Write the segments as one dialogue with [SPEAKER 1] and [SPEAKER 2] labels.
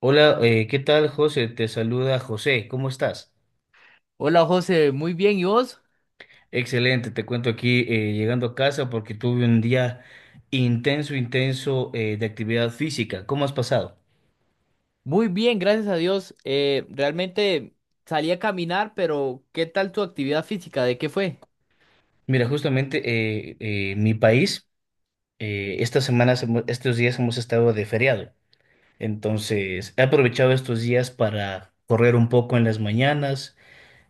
[SPEAKER 1] Hola, ¿qué tal, José? Te saluda José, ¿cómo estás?
[SPEAKER 2] Hola José, muy bien, ¿y vos?
[SPEAKER 1] Excelente, te cuento aquí llegando a casa porque tuve un día intenso, intenso de actividad física. ¿Cómo has pasado?
[SPEAKER 2] Muy bien, gracias a Dios. Realmente salí a caminar, pero ¿qué tal tu actividad física? ¿De qué fue?
[SPEAKER 1] Mira, justamente mi país, estas semanas, estos días hemos estado de feriado. Entonces, he aprovechado estos días para correr un poco en las mañanas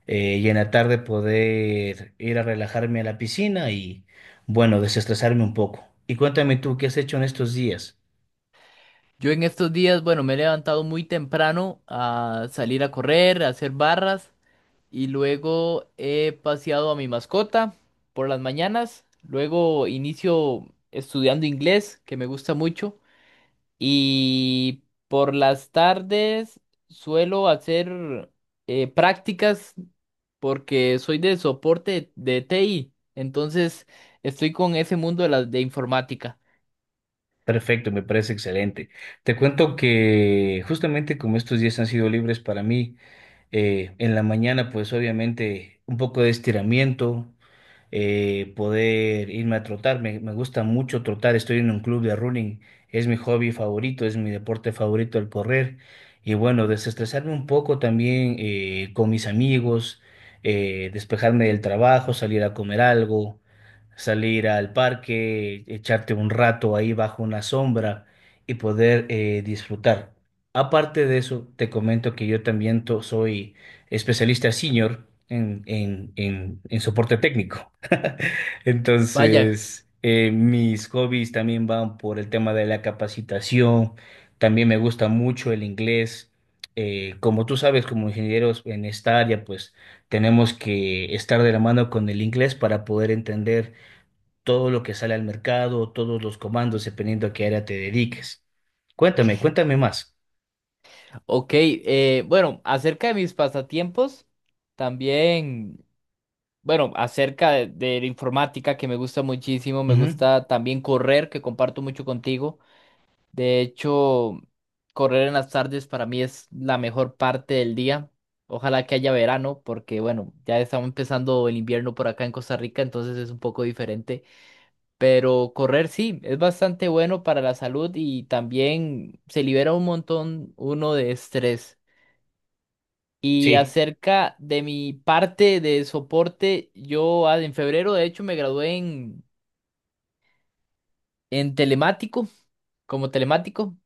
[SPEAKER 1] y en la tarde poder ir a relajarme a la piscina y, bueno, desestresarme un poco. Y cuéntame tú, ¿qué has hecho en estos días?
[SPEAKER 2] Yo en estos días, bueno, me he levantado muy temprano a salir a correr, a hacer barras y luego he paseado a mi mascota por las mañanas. Luego inicio estudiando inglés, que me gusta mucho. Y por las tardes suelo hacer prácticas porque soy de soporte de TI. Entonces estoy con ese mundo de la de informática.
[SPEAKER 1] Perfecto, me parece excelente. Te cuento que justamente como estos días han sido libres para mí, en la mañana pues obviamente un poco de estiramiento, poder irme a trotar. Me gusta mucho trotar, estoy en un club de running, es mi hobby favorito, es mi deporte favorito el correr. Y bueno, desestresarme un poco también con mis amigos, despejarme del trabajo, salir a comer algo, salir al parque, echarte un rato ahí bajo una sombra y poder disfrutar. Aparte de eso, te comento que yo también soy especialista senior en soporte técnico.
[SPEAKER 2] Vaya,
[SPEAKER 1] Entonces, mis hobbies también van por el tema de la capacitación. También me gusta mucho el inglés. Como tú sabes, como ingenieros en esta área, pues tenemos que estar de la mano con el inglés para poder entender todo lo que sale al mercado, todos los comandos, dependiendo a qué área te dediques. Cuéntame, cuéntame más.
[SPEAKER 2] ok. Bueno, acerca de mis pasatiempos, también, bueno, acerca de la informática que me gusta muchísimo, me
[SPEAKER 1] Ujú.
[SPEAKER 2] gusta también correr, que comparto mucho contigo. De hecho, correr en las tardes para mí es la mejor parte del día. Ojalá que haya verano, porque bueno, ya estamos empezando el invierno por acá en Costa Rica, entonces es un poco diferente. Pero correr sí, es bastante bueno para la salud y también se libera un montón uno de estrés. Y
[SPEAKER 1] Sí,
[SPEAKER 2] acerca de mi parte de soporte, yo en febrero de hecho me gradué en telemático, como telemático.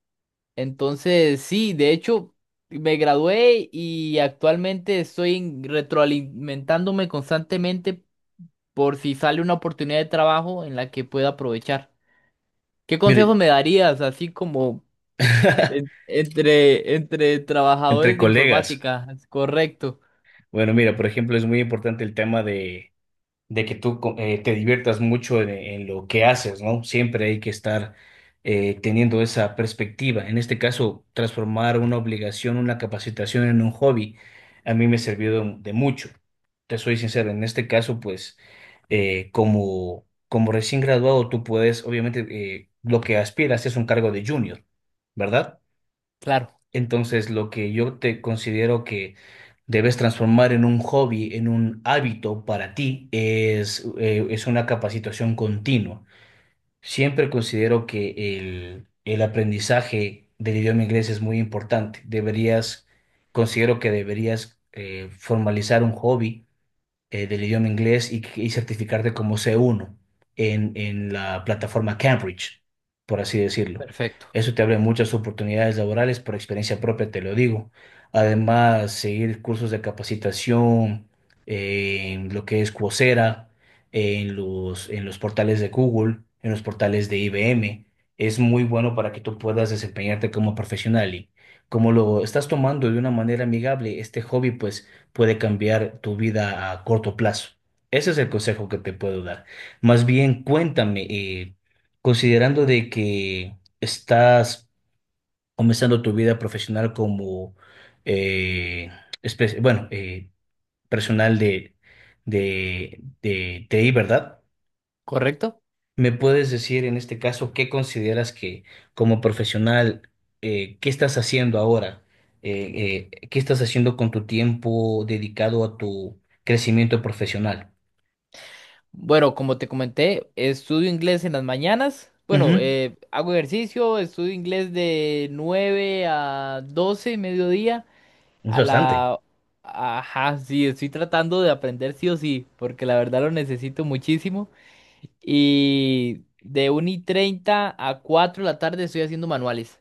[SPEAKER 2] Entonces, sí, de hecho, me gradué y actualmente estoy retroalimentándome constantemente por si sale una oportunidad de trabajo en la que pueda aprovechar. ¿Qué consejos
[SPEAKER 1] mire.
[SPEAKER 2] me darías, así como en- entre, entre
[SPEAKER 1] Entre
[SPEAKER 2] trabajadores de
[SPEAKER 1] colegas.
[SPEAKER 2] informática? Correcto,
[SPEAKER 1] Bueno, mira, por ejemplo, es muy importante el tema de que tú te diviertas mucho en lo que haces, ¿no? Siempre hay que estar teniendo esa perspectiva. En este caso, transformar una obligación, una capacitación en un hobby, a mí me sirvió de mucho. Te soy sincero, en este caso, pues, como, como recién graduado, tú puedes, obviamente, lo que aspiras es un cargo de junior, ¿verdad?
[SPEAKER 2] claro,
[SPEAKER 1] Entonces, lo que yo te considero que debes transformar en un hobby, en un hábito para ti, es una capacitación continua. Siempre considero que el aprendizaje del idioma inglés es muy importante. Deberías, considero que deberías formalizar un hobby del idioma inglés y certificarte como C1 en la plataforma Cambridge, por así decirlo.
[SPEAKER 2] perfecto,
[SPEAKER 1] Eso te abre muchas oportunidades laborales, por experiencia propia te lo digo. Además, seguir cursos de capacitación en lo que es Coursera, en los portales de Google, en los portales de IBM, es muy bueno para que tú puedas desempeñarte como profesional. Y como lo estás tomando de una manera amigable, este hobby, pues puede cambiar tu vida a corto plazo. Ese es el consejo que te puedo dar. Más bien, cuéntame, considerando de que estás comenzando tu vida profesional como, eh, bueno, personal de TI, ¿verdad?
[SPEAKER 2] correcto.
[SPEAKER 1] ¿Me puedes decir en este caso qué consideras que como profesional, qué estás haciendo ahora? ¿Qué estás haciendo con tu tiempo dedicado a tu crecimiento profesional?
[SPEAKER 2] Bueno, como te comenté, estudio inglés en las mañanas. Bueno,
[SPEAKER 1] Ujú.
[SPEAKER 2] hago ejercicio, estudio inglés de 9 a 12, mediodía.
[SPEAKER 1] Es
[SPEAKER 2] A
[SPEAKER 1] bastante.
[SPEAKER 2] la... Ajá, sí, estoy tratando de aprender sí o sí, porque la verdad lo necesito muchísimo. Y de 1 y 30 a 4 de la tarde estoy haciendo manuales.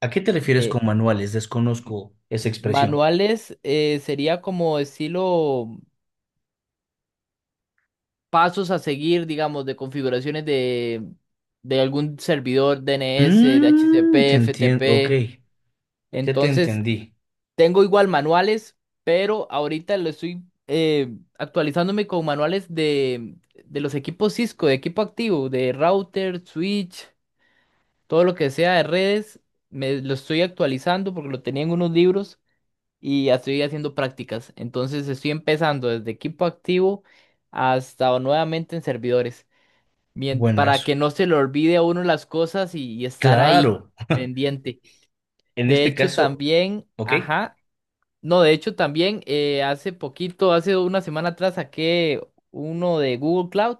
[SPEAKER 1] ¿A qué te refieres
[SPEAKER 2] De
[SPEAKER 1] con manuales? Desconozco esa expresión.
[SPEAKER 2] manuales sería como estilo pasos a seguir, digamos, de configuraciones de algún servidor DNS, de
[SPEAKER 1] Mm,
[SPEAKER 2] DHCP,
[SPEAKER 1] te entiendo. Ok,
[SPEAKER 2] FTP.
[SPEAKER 1] ya te
[SPEAKER 2] Entonces,
[SPEAKER 1] entendí.
[SPEAKER 2] tengo igual manuales, pero ahorita lo estoy actualizándome con manuales de los equipos Cisco, de equipo activo, de router, switch, todo lo que sea de redes. Me lo estoy actualizando porque lo tenía en unos libros y ya estoy haciendo prácticas. Entonces estoy empezando desde equipo activo hasta nuevamente en servidores. Bien, para
[SPEAKER 1] Buenazo.
[SPEAKER 2] que no se le olvide a uno las cosas y estar ahí
[SPEAKER 1] Claro.
[SPEAKER 2] pendiente.
[SPEAKER 1] En
[SPEAKER 2] De
[SPEAKER 1] este
[SPEAKER 2] hecho,
[SPEAKER 1] caso,
[SPEAKER 2] también,
[SPEAKER 1] ok,
[SPEAKER 2] ajá. No, de hecho también hace poquito, hace una semana atrás saqué uno de Google Cloud.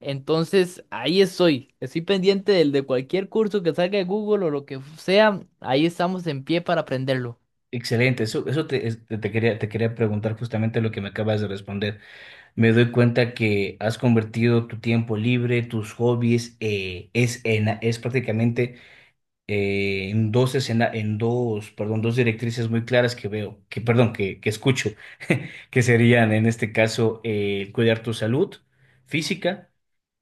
[SPEAKER 2] Entonces ahí estoy. Estoy pendiente del de cualquier curso que salga de Google o lo que sea. Ahí estamos en pie para aprenderlo.
[SPEAKER 1] excelente. Eso, te quería preguntar justamente lo que me acabas de responder. Me doy cuenta que has convertido tu tiempo libre, tus hobbies, es prácticamente en dos, perdón, dos directrices muy claras que veo, que perdón, que escucho, que serían en este caso cuidar tu salud física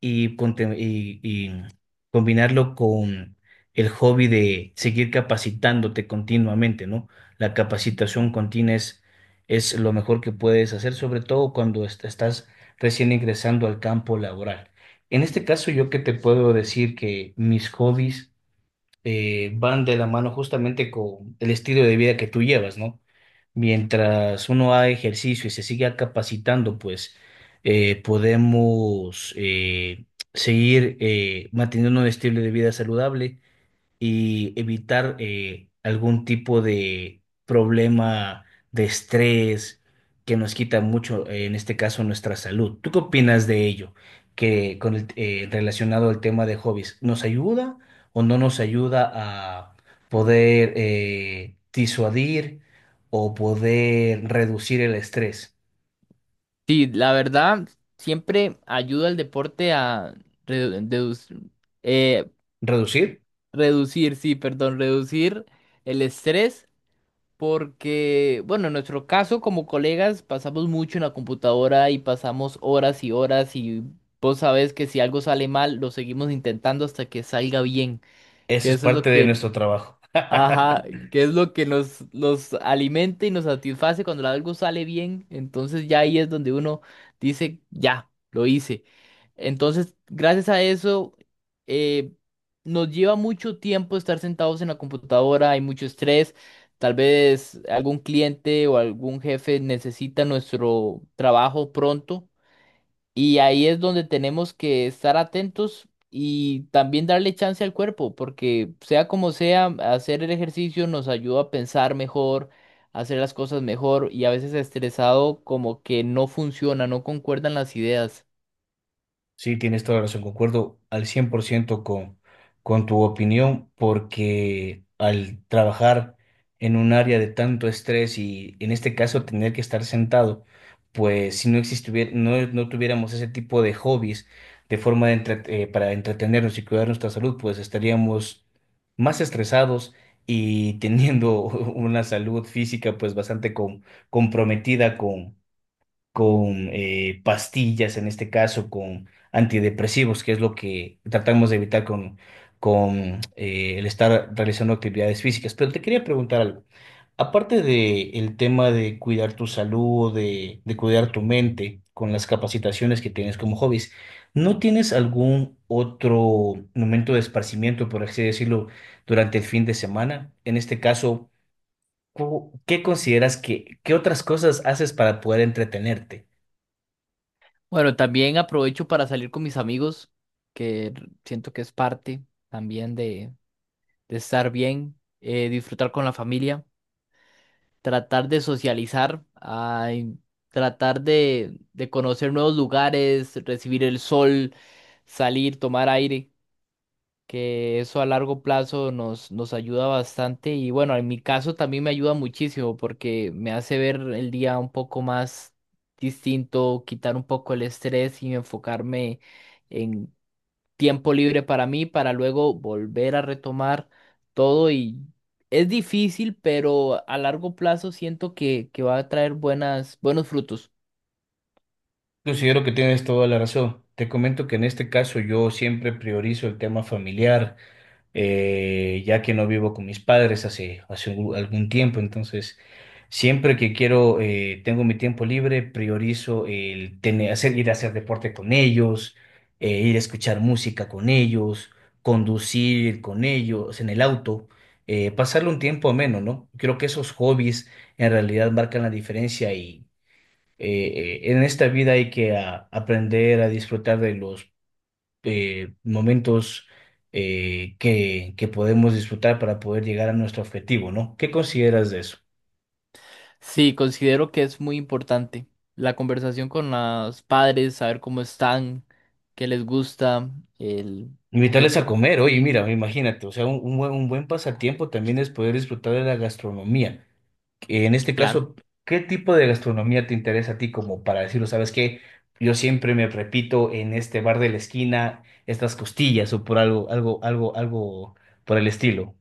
[SPEAKER 1] y, y combinarlo con el hobby de seguir capacitándote continuamente, ¿no? La capacitación continua es lo mejor que puedes hacer, sobre todo cuando estás recién ingresando al campo laboral. En este caso, yo que te puedo decir que mis hobbies van de la mano justamente con el estilo de vida que tú llevas, ¿no? Mientras uno haga ejercicio y se siga capacitando, pues podemos seguir manteniendo un estilo de vida saludable y evitar algún tipo de problema de estrés que nos quita mucho, en este caso, nuestra salud. ¿Tú qué opinas de ello? Que relacionado al tema de hobbies, ¿nos ayuda o no nos ayuda a poder disuadir o poder reducir el estrés?
[SPEAKER 2] Sí, la verdad, siempre ayuda el deporte a redu- deduc- eh,
[SPEAKER 1] ¿Reducir?
[SPEAKER 2] reducir, sí, perdón, reducir el estrés. Porque, bueno, en nuestro caso como colegas pasamos mucho en la computadora y pasamos horas y horas y vos sabés que si algo sale mal lo seguimos intentando hasta que salga bien, que
[SPEAKER 1] Eso es
[SPEAKER 2] eso es lo
[SPEAKER 1] parte de
[SPEAKER 2] que
[SPEAKER 1] nuestro trabajo.
[SPEAKER 2] ajá, que es lo que nos, nos alimenta y nos satisface cuando algo sale bien. Entonces ya ahí es donde uno dice, ya, lo hice. Entonces, gracias a eso, eh, nos lleva mucho tiempo estar sentados en la computadora, hay mucho estrés. Tal vez algún cliente o algún jefe necesita nuestro trabajo pronto. Y ahí es donde tenemos que estar atentos y también darle chance al cuerpo, porque sea como sea, hacer el ejercicio nos ayuda a pensar mejor, a hacer las cosas mejor y a veces estresado como que no funciona, no concuerdan las ideas.
[SPEAKER 1] Sí, tienes toda la razón, concuerdo al 100% con tu opinión, porque al trabajar en un área de tanto estrés y en este caso tener que estar sentado, pues si no existiera, no, no tuviéramos ese tipo de hobbies de forma de para entretenernos y cuidar nuestra salud, pues estaríamos más estresados y teniendo una salud física pues bastante comprometida con pastillas, en este caso con antidepresivos, que es lo que tratamos de evitar con, con el estar realizando actividades físicas. Pero te quería preguntar algo. Aparte de el tema de cuidar tu salud, de cuidar tu mente con las capacitaciones que tienes como hobbies, ¿no tienes algún otro momento de esparcimiento, por así decirlo, durante el fin de semana? En este caso, ¿qué consideras que, qué otras cosas haces para poder entretenerte?
[SPEAKER 2] Bueno, también aprovecho para salir con mis amigos, que siento que es parte también de estar bien, disfrutar con la familia. Tratar de socializar, tratar de conocer nuevos lugares, recibir el sol, salir, tomar aire, que eso a largo plazo nos ayuda bastante y bueno, en mi caso también me ayuda muchísimo porque me hace ver el día un poco más distinto, quitar un poco el estrés y enfocarme tiempo libre para mí para luego volver a retomar todo y es difícil, pero a largo plazo siento que va a traer buenos frutos.
[SPEAKER 1] Considero que tienes toda la razón. Te comento que en este caso yo siempre priorizo el tema familiar, ya que no vivo con mis padres hace, algún tiempo. Entonces, siempre que quiero, tengo mi tiempo libre, priorizo el tener, hacer, ir a hacer deporte con ellos, ir a escuchar música con ellos, conducir con ellos en el auto, pasarle un tiempo ameno, ¿no? Creo que esos hobbies en realidad marcan la diferencia en esta vida hay que aprender a disfrutar de los momentos que podemos disfrutar para poder llegar a nuestro objetivo, ¿no? ¿Qué consideras de eso?
[SPEAKER 2] Sí, considero que es muy importante la conversación con los padres, saber cómo están, qué les gusta, el, el
[SPEAKER 1] Invitarles
[SPEAKER 2] qué
[SPEAKER 1] a comer, oye,
[SPEAKER 2] opinan.
[SPEAKER 1] mira, imagínate, o sea, un buen pasatiempo también es poder disfrutar de la gastronomía. En este
[SPEAKER 2] Claro.
[SPEAKER 1] caso, ¿qué tipo de gastronomía te interesa a ti como para decirlo, sabes qué? Yo siempre me repito en este bar de la esquina estas costillas o por algo, algo, algo, algo por el estilo,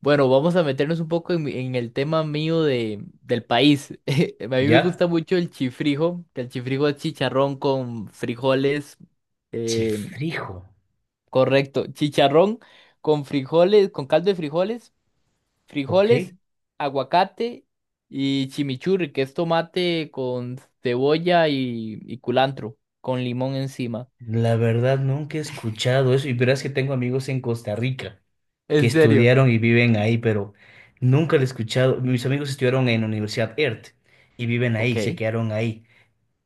[SPEAKER 2] Bueno, vamos a meternos un poco en, en el tema mío del país. A mí me
[SPEAKER 1] ¿ya?
[SPEAKER 2] gusta mucho el chifrijo, que el chifrijo es chicharrón con frijoles, eh,
[SPEAKER 1] Chifrijo,
[SPEAKER 2] correcto, chicharrón con frijoles, con caldo de frijoles,
[SPEAKER 1] ok.
[SPEAKER 2] frijoles, aguacate y chimichurri, que es tomate con cebolla y culantro, con limón encima.
[SPEAKER 1] La verdad nunca he escuchado eso y verás que tengo amigos en Costa Rica que
[SPEAKER 2] ¿En serio?
[SPEAKER 1] estudiaron y viven ahí, pero nunca lo he escuchado. Mis amigos estudiaron en la Universidad ERT y viven ahí, se
[SPEAKER 2] Ok.
[SPEAKER 1] quedaron ahí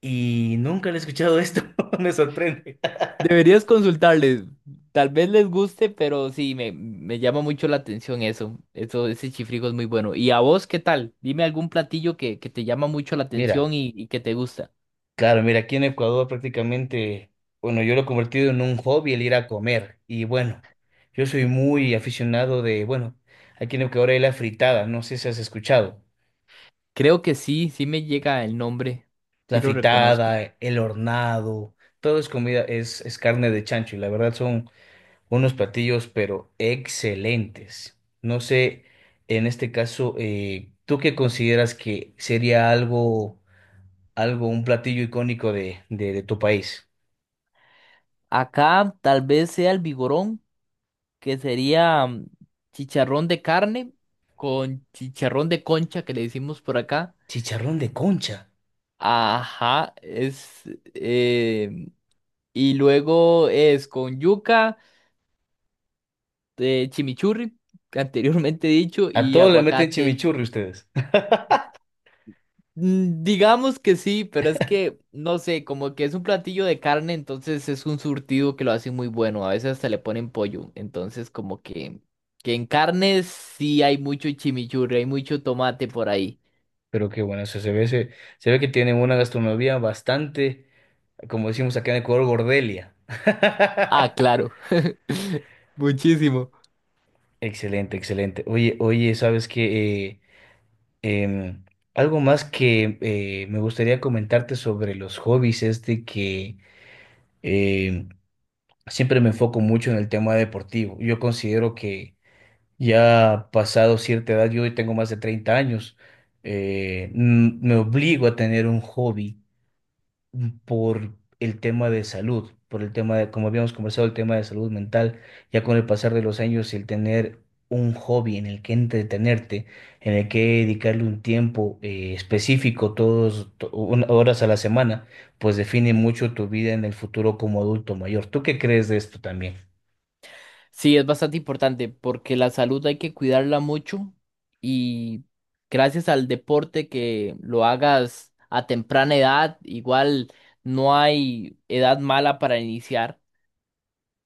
[SPEAKER 1] y nunca le he escuchado esto, me sorprende.
[SPEAKER 2] Deberías consultarles. Tal vez les guste, pero sí, me llama mucho la atención eso. Eso, ese chifrijo es muy bueno. ¿Y a vos qué tal? Dime algún platillo que te llama mucho la
[SPEAKER 1] Mira,
[SPEAKER 2] atención y que te gusta.
[SPEAKER 1] claro, mira, aquí en Ecuador prácticamente, bueno, yo lo he convertido en un hobby el ir a comer y bueno, yo soy muy aficionado de, bueno, aquí en Ecuador hay la fritada, no sé si has escuchado.
[SPEAKER 2] Creo que sí, sí me llega el nombre. Sí
[SPEAKER 1] La
[SPEAKER 2] lo reconozco.
[SPEAKER 1] fritada, el hornado, todo es comida, es carne de chancho y la verdad son unos platillos pero excelentes. No sé, en este caso, ¿tú qué consideras que sería algo, algo, un platillo icónico de tu país?
[SPEAKER 2] Acá tal vez sea el vigorón, que sería chicharrón de carne con chicharrón de concha, que le decimos por acá.
[SPEAKER 1] Chicharrón de concha.
[SPEAKER 2] Ajá, es... eh, y luego es con yuca. Chimichurri, anteriormente dicho,
[SPEAKER 1] A
[SPEAKER 2] y
[SPEAKER 1] todo le meten
[SPEAKER 2] aguacate.
[SPEAKER 1] chimichurri ustedes.
[SPEAKER 2] Mm, digamos que sí, pero es que, no sé, como que es un platillo de carne, entonces es un surtido que lo hace muy bueno. A veces hasta le ponen pollo. Entonces, como que, en carnes sí hay mucho chimichurri, hay mucho tomate por ahí.
[SPEAKER 1] Pero qué bueno, o sea, se ve, se ve que tienen una gastronomía bastante, como decimos acá en Ecuador, gordelia.
[SPEAKER 2] Ah, claro. Muchísimo.
[SPEAKER 1] Excelente, excelente. Oye, oye, sabes que algo más que me gustaría comentarte sobre los hobbies es de que em, siempre me enfoco mucho en el tema deportivo. Yo considero que ya pasado cierta edad, yo hoy tengo más de 30 años, me obligo a tener un hobby por el tema de salud, por el tema de, como habíamos conversado, el tema de salud mental, ya con el pasar de los años, el tener un hobby en el que entretenerte, en el que dedicarle un tiempo específico, horas a la semana, pues define mucho tu vida en el futuro como adulto mayor. ¿Tú qué crees de esto también?
[SPEAKER 2] Sí, es bastante importante porque la salud hay que cuidarla mucho y gracias al deporte que lo hagas a temprana edad, igual no hay edad mala para iniciar,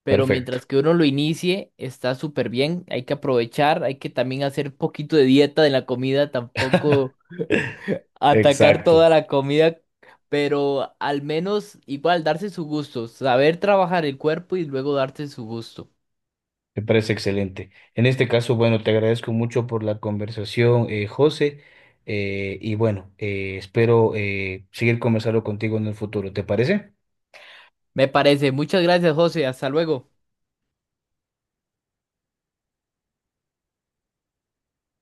[SPEAKER 2] pero
[SPEAKER 1] Perfecto,
[SPEAKER 2] mientras que uno lo inicie está súper bien, hay que aprovechar, hay que también hacer un poquito de dieta de la comida, tampoco atacar
[SPEAKER 1] exacto.
[SPEAKER 2] toda la comida, pero al menos igual darse su gusto, saber trabajar el cuerpo y luego darse su gusto.
[SPEAKER 1] Me parece excelente. En este caso, bueno, te agradezco mucho por la conversación, José, y bueno, espero seguir conversando contigo en el futuro. ¿Te parece?
[SPEAKER 2] Me parece. Muchas gracias, José. Hasta luego.